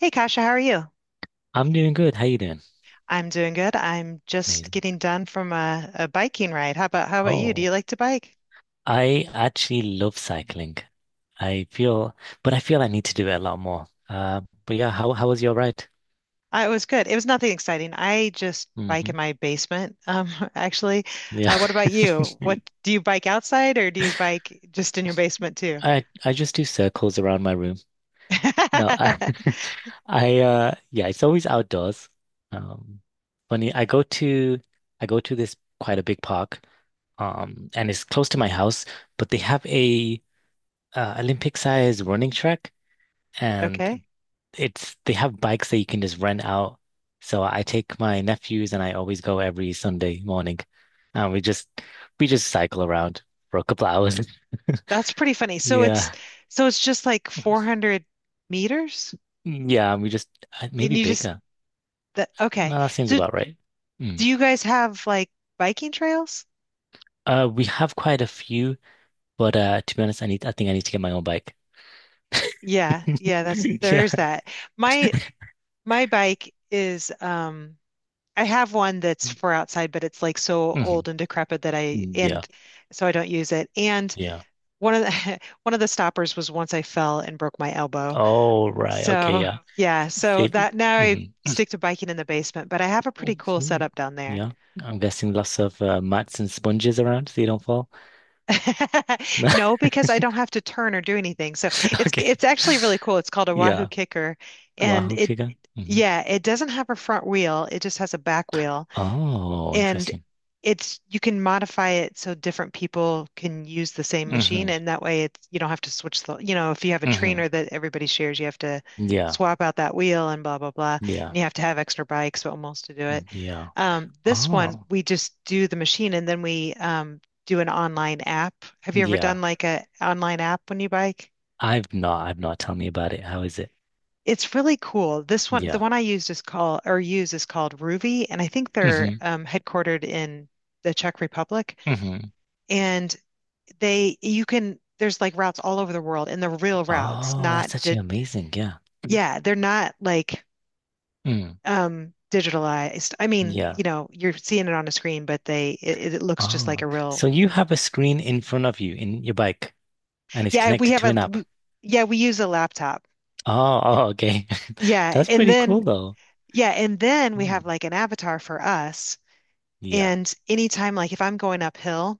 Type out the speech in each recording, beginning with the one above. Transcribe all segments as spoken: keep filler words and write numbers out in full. Hey Kasha, how are you? I'm doing good. How you doing? I'm doing good. I'm just Amazing. getting done from a, a biking ride. How about how about you? Do Oh, you like to bike? I actually love cycling. I feel, but I feel I need to do it a lot more. Uh, but yeah, how how was your ride? Uh, it was good. It was nothing exciting. I just bike hmm in my basement, um, actually. Yeah, Uh, what about you? What do you bike outside or do you bike just in your basement too? I I just do circles around my room. No, I I uh yeah, it's always outdoors. Um, funny, I go to I go to this quite a big park, um, and it's close to my house, but they have a uh, Olympic size running track. And Okay. it's they have bikes that you can just rent out. So I take my nephews and I always go every Sunday morning. And we just we just cycle around for a couple hours. That's pretty funny. So it's Yeah. so it's just like four hundred meters Mm, yeah, and we just uh, and maybe you just bigger. that Okay. No, that seems So about right. do Mm. you guys have like biking trails? Uh, we have quite a few, but uh, to be honest, I need I think I need to get my own bike. Yeah, yeah, that's Yeah. there's that. My my bike is um I have one that's for outside, but it's like so Mhm. old and decrepit that I Yeah. and so I don't use it. And Yeah. one of the one of the stoppers was, once I fell and broke my elbow. Oh, right. Okay, So yeah. yeah, so Save. that, now I Mhm. stick to biking in the basement, but I have a Oh, pretty cool mm, setup down there. Yeah, I'm guessing lots of uh, mats and sponges around so you don't fall. No, because I don't have to turn or do anything. So it's Okay. it's actually really cool. It's called a Wahoo Yeah, Kicker, and Wahoo it Kiga. hmm yeah, it doesn't have a front wheel. It just has a back wheel, Oh, and interesting. it's you can modify it so different people can use the same hmm machine, and that way it's you don't have to switch the, you know, if you have a hmm trainer that everybody shares, you have to Yeah, swap out that wheel and blah blah blah, yeah, and you have to have extra bikes almost to do mm, it. yeah. Um, this one Oh, we just do the machine and then we um, do an online app. Have you ever yeah. done like a online app when you bike? I've not. I've not. Tell me about it. How is it? It's really cool. This one, the Yeah. one I used is called or use is called Ruvi, and I think they're hmm um, headquartered in the Czech Republic. hmm And they, you can, there's like routes all over the world, and the real routes, Oh, not that's actually the, amazing. Yeah. yeah, they're not like Mm, um digitalized. I mean, yeah. you know, you're seeing it on a screen, but they it, it looks just like Oh, a real, so you have a screen in front of you in your bike, and it's yeah, we connected have to a an app. we, yeah, we use a laptop. Oh, oh, okay. Yeah, That's and pretty then cool though. yeah, and then we Hmm. have like an avatar for us. Yeah. And anytime, like if I'm going uphill,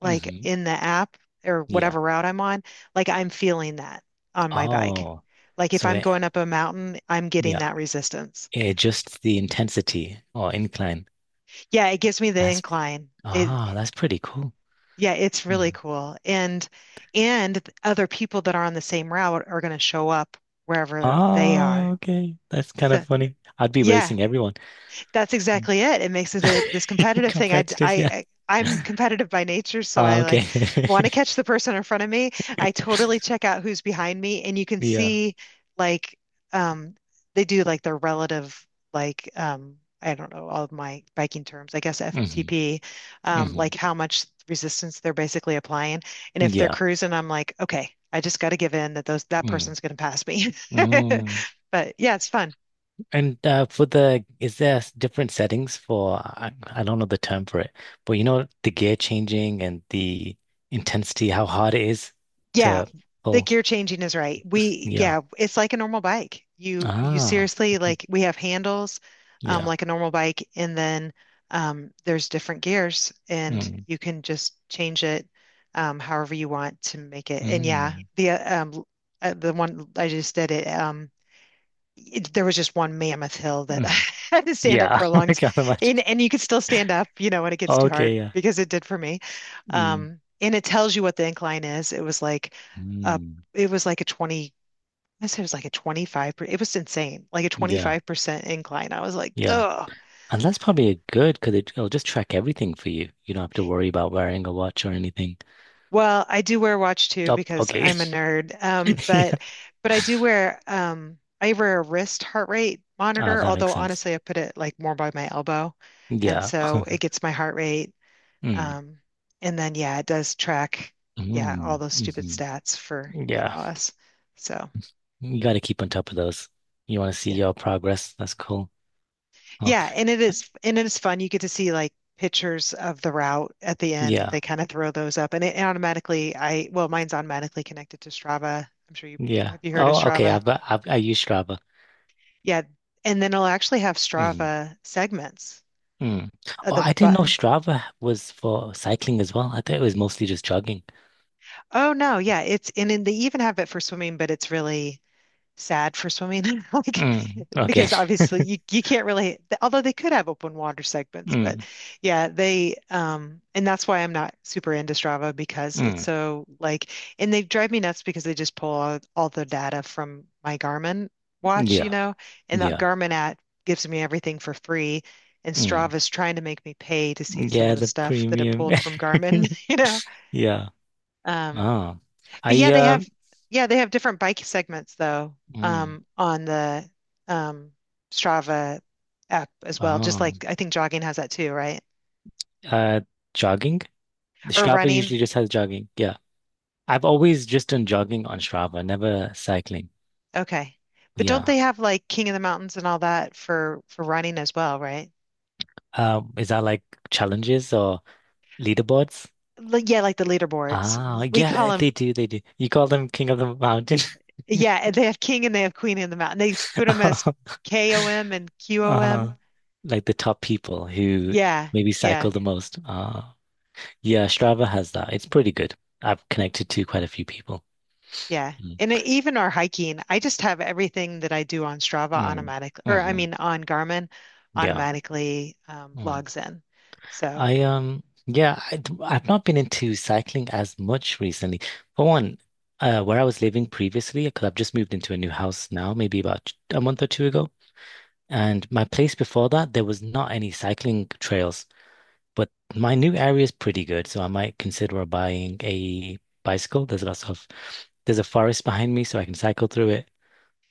like hmm in the app or Yeah. whatever route I'm on, like I'm feeling that on my bike. Oh. Like if So I'm it, going up a mountain, I'm getting yeah, that resistance. it adjusts the intensity or incline. Yeah, it gives me the That's incline. It ah, that's pretty cool. yeah, it's really Mm. cool. And and other people that are on the same route are going to show up wherever they Oh, are. okay. That's kind So of funny. I'd be yeah, racing everyone. that's Mm. exactly it. It makes it a, this competitive thing. I, Competitive, yeah. I, I'm competitive by nature, so Ah, I okay. like, want to catch the person in front of me. I totally check out who's behind me, and you can Yeah. see like, um, they do like their relative, like, um, I don't know all of my biking terms, I guess hmm F T P, um, like hmm how much resistance they're basically applying, and if they're Yeah. cruising, I'm like, okay, I just got to give in, that those that Mm. person's going to pass me. Mm. But yeah, it's fun. And uh, for the, is there s- different settings for, I, I don't know the term for it, but you know, the gear changing and the intensity, how hard it is Yeah, to the pull. gear changing is right. We, Yeah. yeah, it's like a normal bike. You, you Ah, seriously, mhm. like, we have handles, um, Yeah. like a normal bike, and then um, there's different gears, and Mm, you can just change it um, however you want to make it. And yeah, mm, the uh, um, uh, the one I just did it. Um, it- there was just one mammoth hill that I mm. had to stand up Yeah. for a long I time. can't imagine. And, and you could still stand up, you know, when it gets too hard Okay. Yeah. because it did for me. Mm, Um, and it tells you what the incline is. It was like a, mm. it was like a 20, I said it was like a twenty-five, per- it was insane, like a Yeah. twenty-five percent incline. I was like, Yeah. duh. And that's probably good because it, it'll just track everything for you. You don't have to worry about wearing a watch or anything. Well, I do wear a watch too Oh, because okay. I'm a nerd. Um, Yeah. but but I do wear um I wear a wrist heart rate Ah, monitor, that although makes sense. honestly I put it like more by my elbow. And Yeah. so it gets my heart rate. Mm. Um, and then yeah, it does track, yeah, all Mm, those stupid hmm. stats for, you know, Yeah, us. So you got to keep on top of those. You want to see yeah. your progress. That's cool. Oh, Yeah, and it is and it is fun. You get to see like pictures of the route at the end. yeah, They kind of throw those up and it automatically, I, well, mine's automatically connected to Strava. I'm sure you, yeah. have you heard of Oh, okay. Strava? I've got. I've, I use Strava. Yeah. And then it'll actually have Hmm. Strava segments Mm. of Oh, the I didn't but know Strava was for cycling as well. I thought it was mostly just jogging. oh no, yeah, it's, and then they even have it for swimming, but it's really sad for swimming like, Mm, okay. because obviously you you can't really, although they could have open water segments, but Mm, yeah, they um and that's why I'm not super into Strava because it's mm. so like, and they drive me nuts because they just pull all, all the data from my Garmin watch, you Yeah, know, and that yeah. Garmin app gives me everything for free, and Mm. Strava's trying to make me pay to see some of Yeah, the the stuff that it premium. pulled from Garmin you know. Yeah. um Oh, but yeah, I they um. have, yeah, they have different bike segments though, Mm. um, on the um Strava app as well. Just Oh, like, I think jogging has that too, right? uh, jogging. The Or Strava usually running. just has jogging. Yeah. I've always just done jogging on Strava, never cycling. Okay. But don't they Yeah. have like King of the Mountains and all that for for running as well, right? Um, is that like challenges or leaderboards? Like, yeah, like the leaderboards. Ah, We call yeah, they them do, they do. You call them King of the Mountain. yeah, and they have King and they have Queen in the Mountain. They put them as Uh, K O M and Q O M. uh, like the top people who Yeah. maybe Yeah. cycle the most. Ah, yeah, Strava has that. It's pretty good. I've connected to quite a few people. Yeah. Mm. And e- even our hiking, I just have everything that I do on Strava Mm. automatically, or I hmm mean on Garmin Yeah. automatically, um, Mm. logs in. So, I um yeah, I have not been into cycling as much recently. For one, uh, where I was living previously, because I've just moved into a new house now, maybe about a month or two ago, and my place before that there was not any cycling trails. But my new area is pretty good, so I might consider buying a bicycle. There's lots of There's a forest behind me, so I can cycle through it.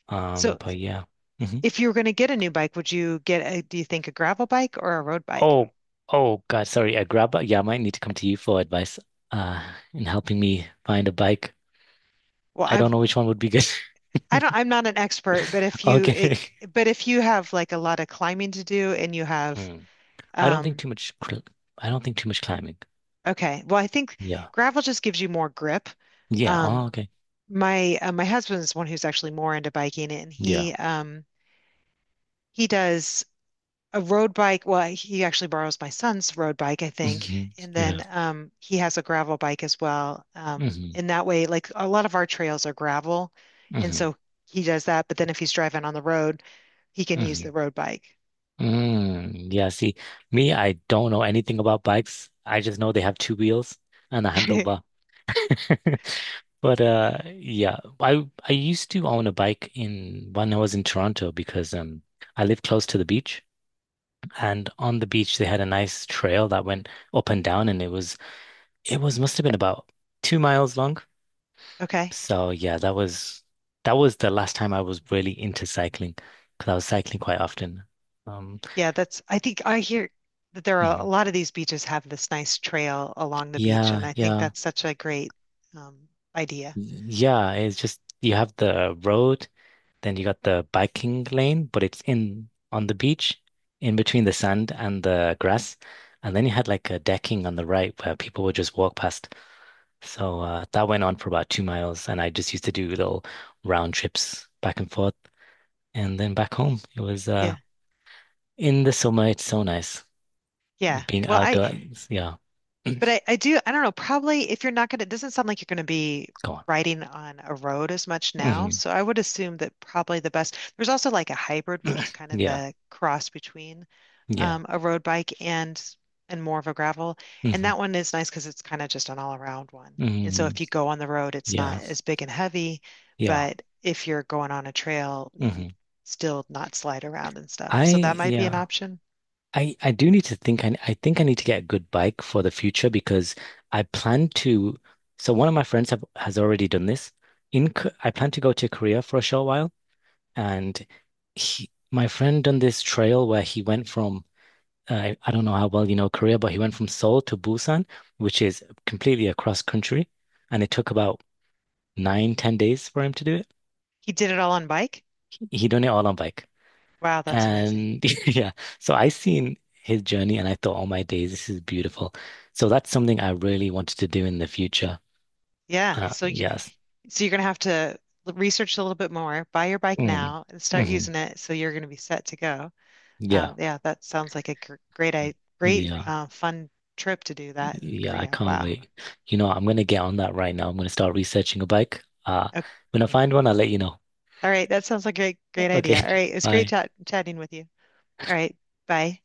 Um, so but yeah. Mm-hmm. if you were going to get a new bike, would you get a, do you think a gravel bike or a road bike? Oh, oh God, sorry. A grab bike. Yeah, I might need to come to you for advice uh in helping me find a bike. Well, I don't I've, know which one would be good. I don't, I'm not an expert, but if you, it, Okay. but if you have like a lot of climbing to do and you have, Hmm. I don't think um, too much cl- I don't think too much climbing. okay, well, I think Yeah. gravel just gives you more grip. Yeah. Oh, Um, okay. my, uh, my husband's one who's actually more into biking, and Yeah. he, um, he does a road bike. Well, he actually borrows my son's road bike, I think. hmm And Yeah. then um, he has a gravel bike as well. Um, hmm And that way, like, a lot of our trails are gravel. And hmm so he does that. But then if he's driving on the road, he can use hmm the road bike. Mm. Yeah, see, me, I don't know anything about bikes. I just know they have two wheels and a handlebar. But uh yeah, I I used to own a bike in when I was in Toronto because um I lived close to the beach, and on the beach they had a nice trail that went up and down, and it was it was must have been about two miles long. Okay. So yeah, that was that was the last time I was really into cycling because I was cycling quite often. Um Yeah, that's, I think I hear that there are a mhm. lot of these beaches have this nice trail along the beach. Yeah, And I think yeah. that's such a great um, idea. Yeah, it's just you have the road. Then you got the biking lane, but it's in on the beach, in between the sand and the grass. And then you had like a decking on the right where people would just walk past. So uh, that went on for about two miles, and I just used to do little round trips back and forth, and then back home. It was uh, Yeah. in the summer. It's so nice Yeah. being Well, I, outdoors. Yeah, but I, I do, I don't know, probably if you're not going to, it doesn't sound like you're going to be go on. riding on a road as much now. hmm So I would assume that probably the best, there's also like a hybrid, which is kind of Yeah, a cross between yeah. um, a road bike and and more of a gravel. And hmm that one is nice because it's kind of just an all around one. And so hmm if you go on the road, it's not Yeah, as big and heavy, yeah. but if you're going on a trail, you hmm still not slide around and stuff. So that I might be an yeah. option. I I do need to think I I think I need to get a good bike for the future because I plan to so one of my friends have has already done this in K- I plan to go to Korea for a short while, and he my friend done this trail where he went from uh, I don't know how well you know Korea, but he went from Seoul to Busan, which is completely across country, and it took about nine ten days for him to do it. He did it all on bike. He done it all on bike. Wow, that's amazing. And yeah, so I seen his journey and I thought, oh my days, this is beautiful. So that's something I really wanted to do in the future. Yeah, Uh, so you're yes. so you're going to have to l- research a little bit more, buy your bike Mm. now and start hmm using it, so you're going to be set to go. Yeah. Um, yeah, that sounds like a gr- great, i- great, Yeah. uh, fun trip to do that in Yeah. I Korea. can't Wow. wait. You know, I'm going to get on that right now. I'm going to start researching a bike. Uh, Okay. when I find one, I'll let you know. All right. That sounds like a great, great Okay. idea. All right. It was great Bye. chat chatting with you. All right. Bye.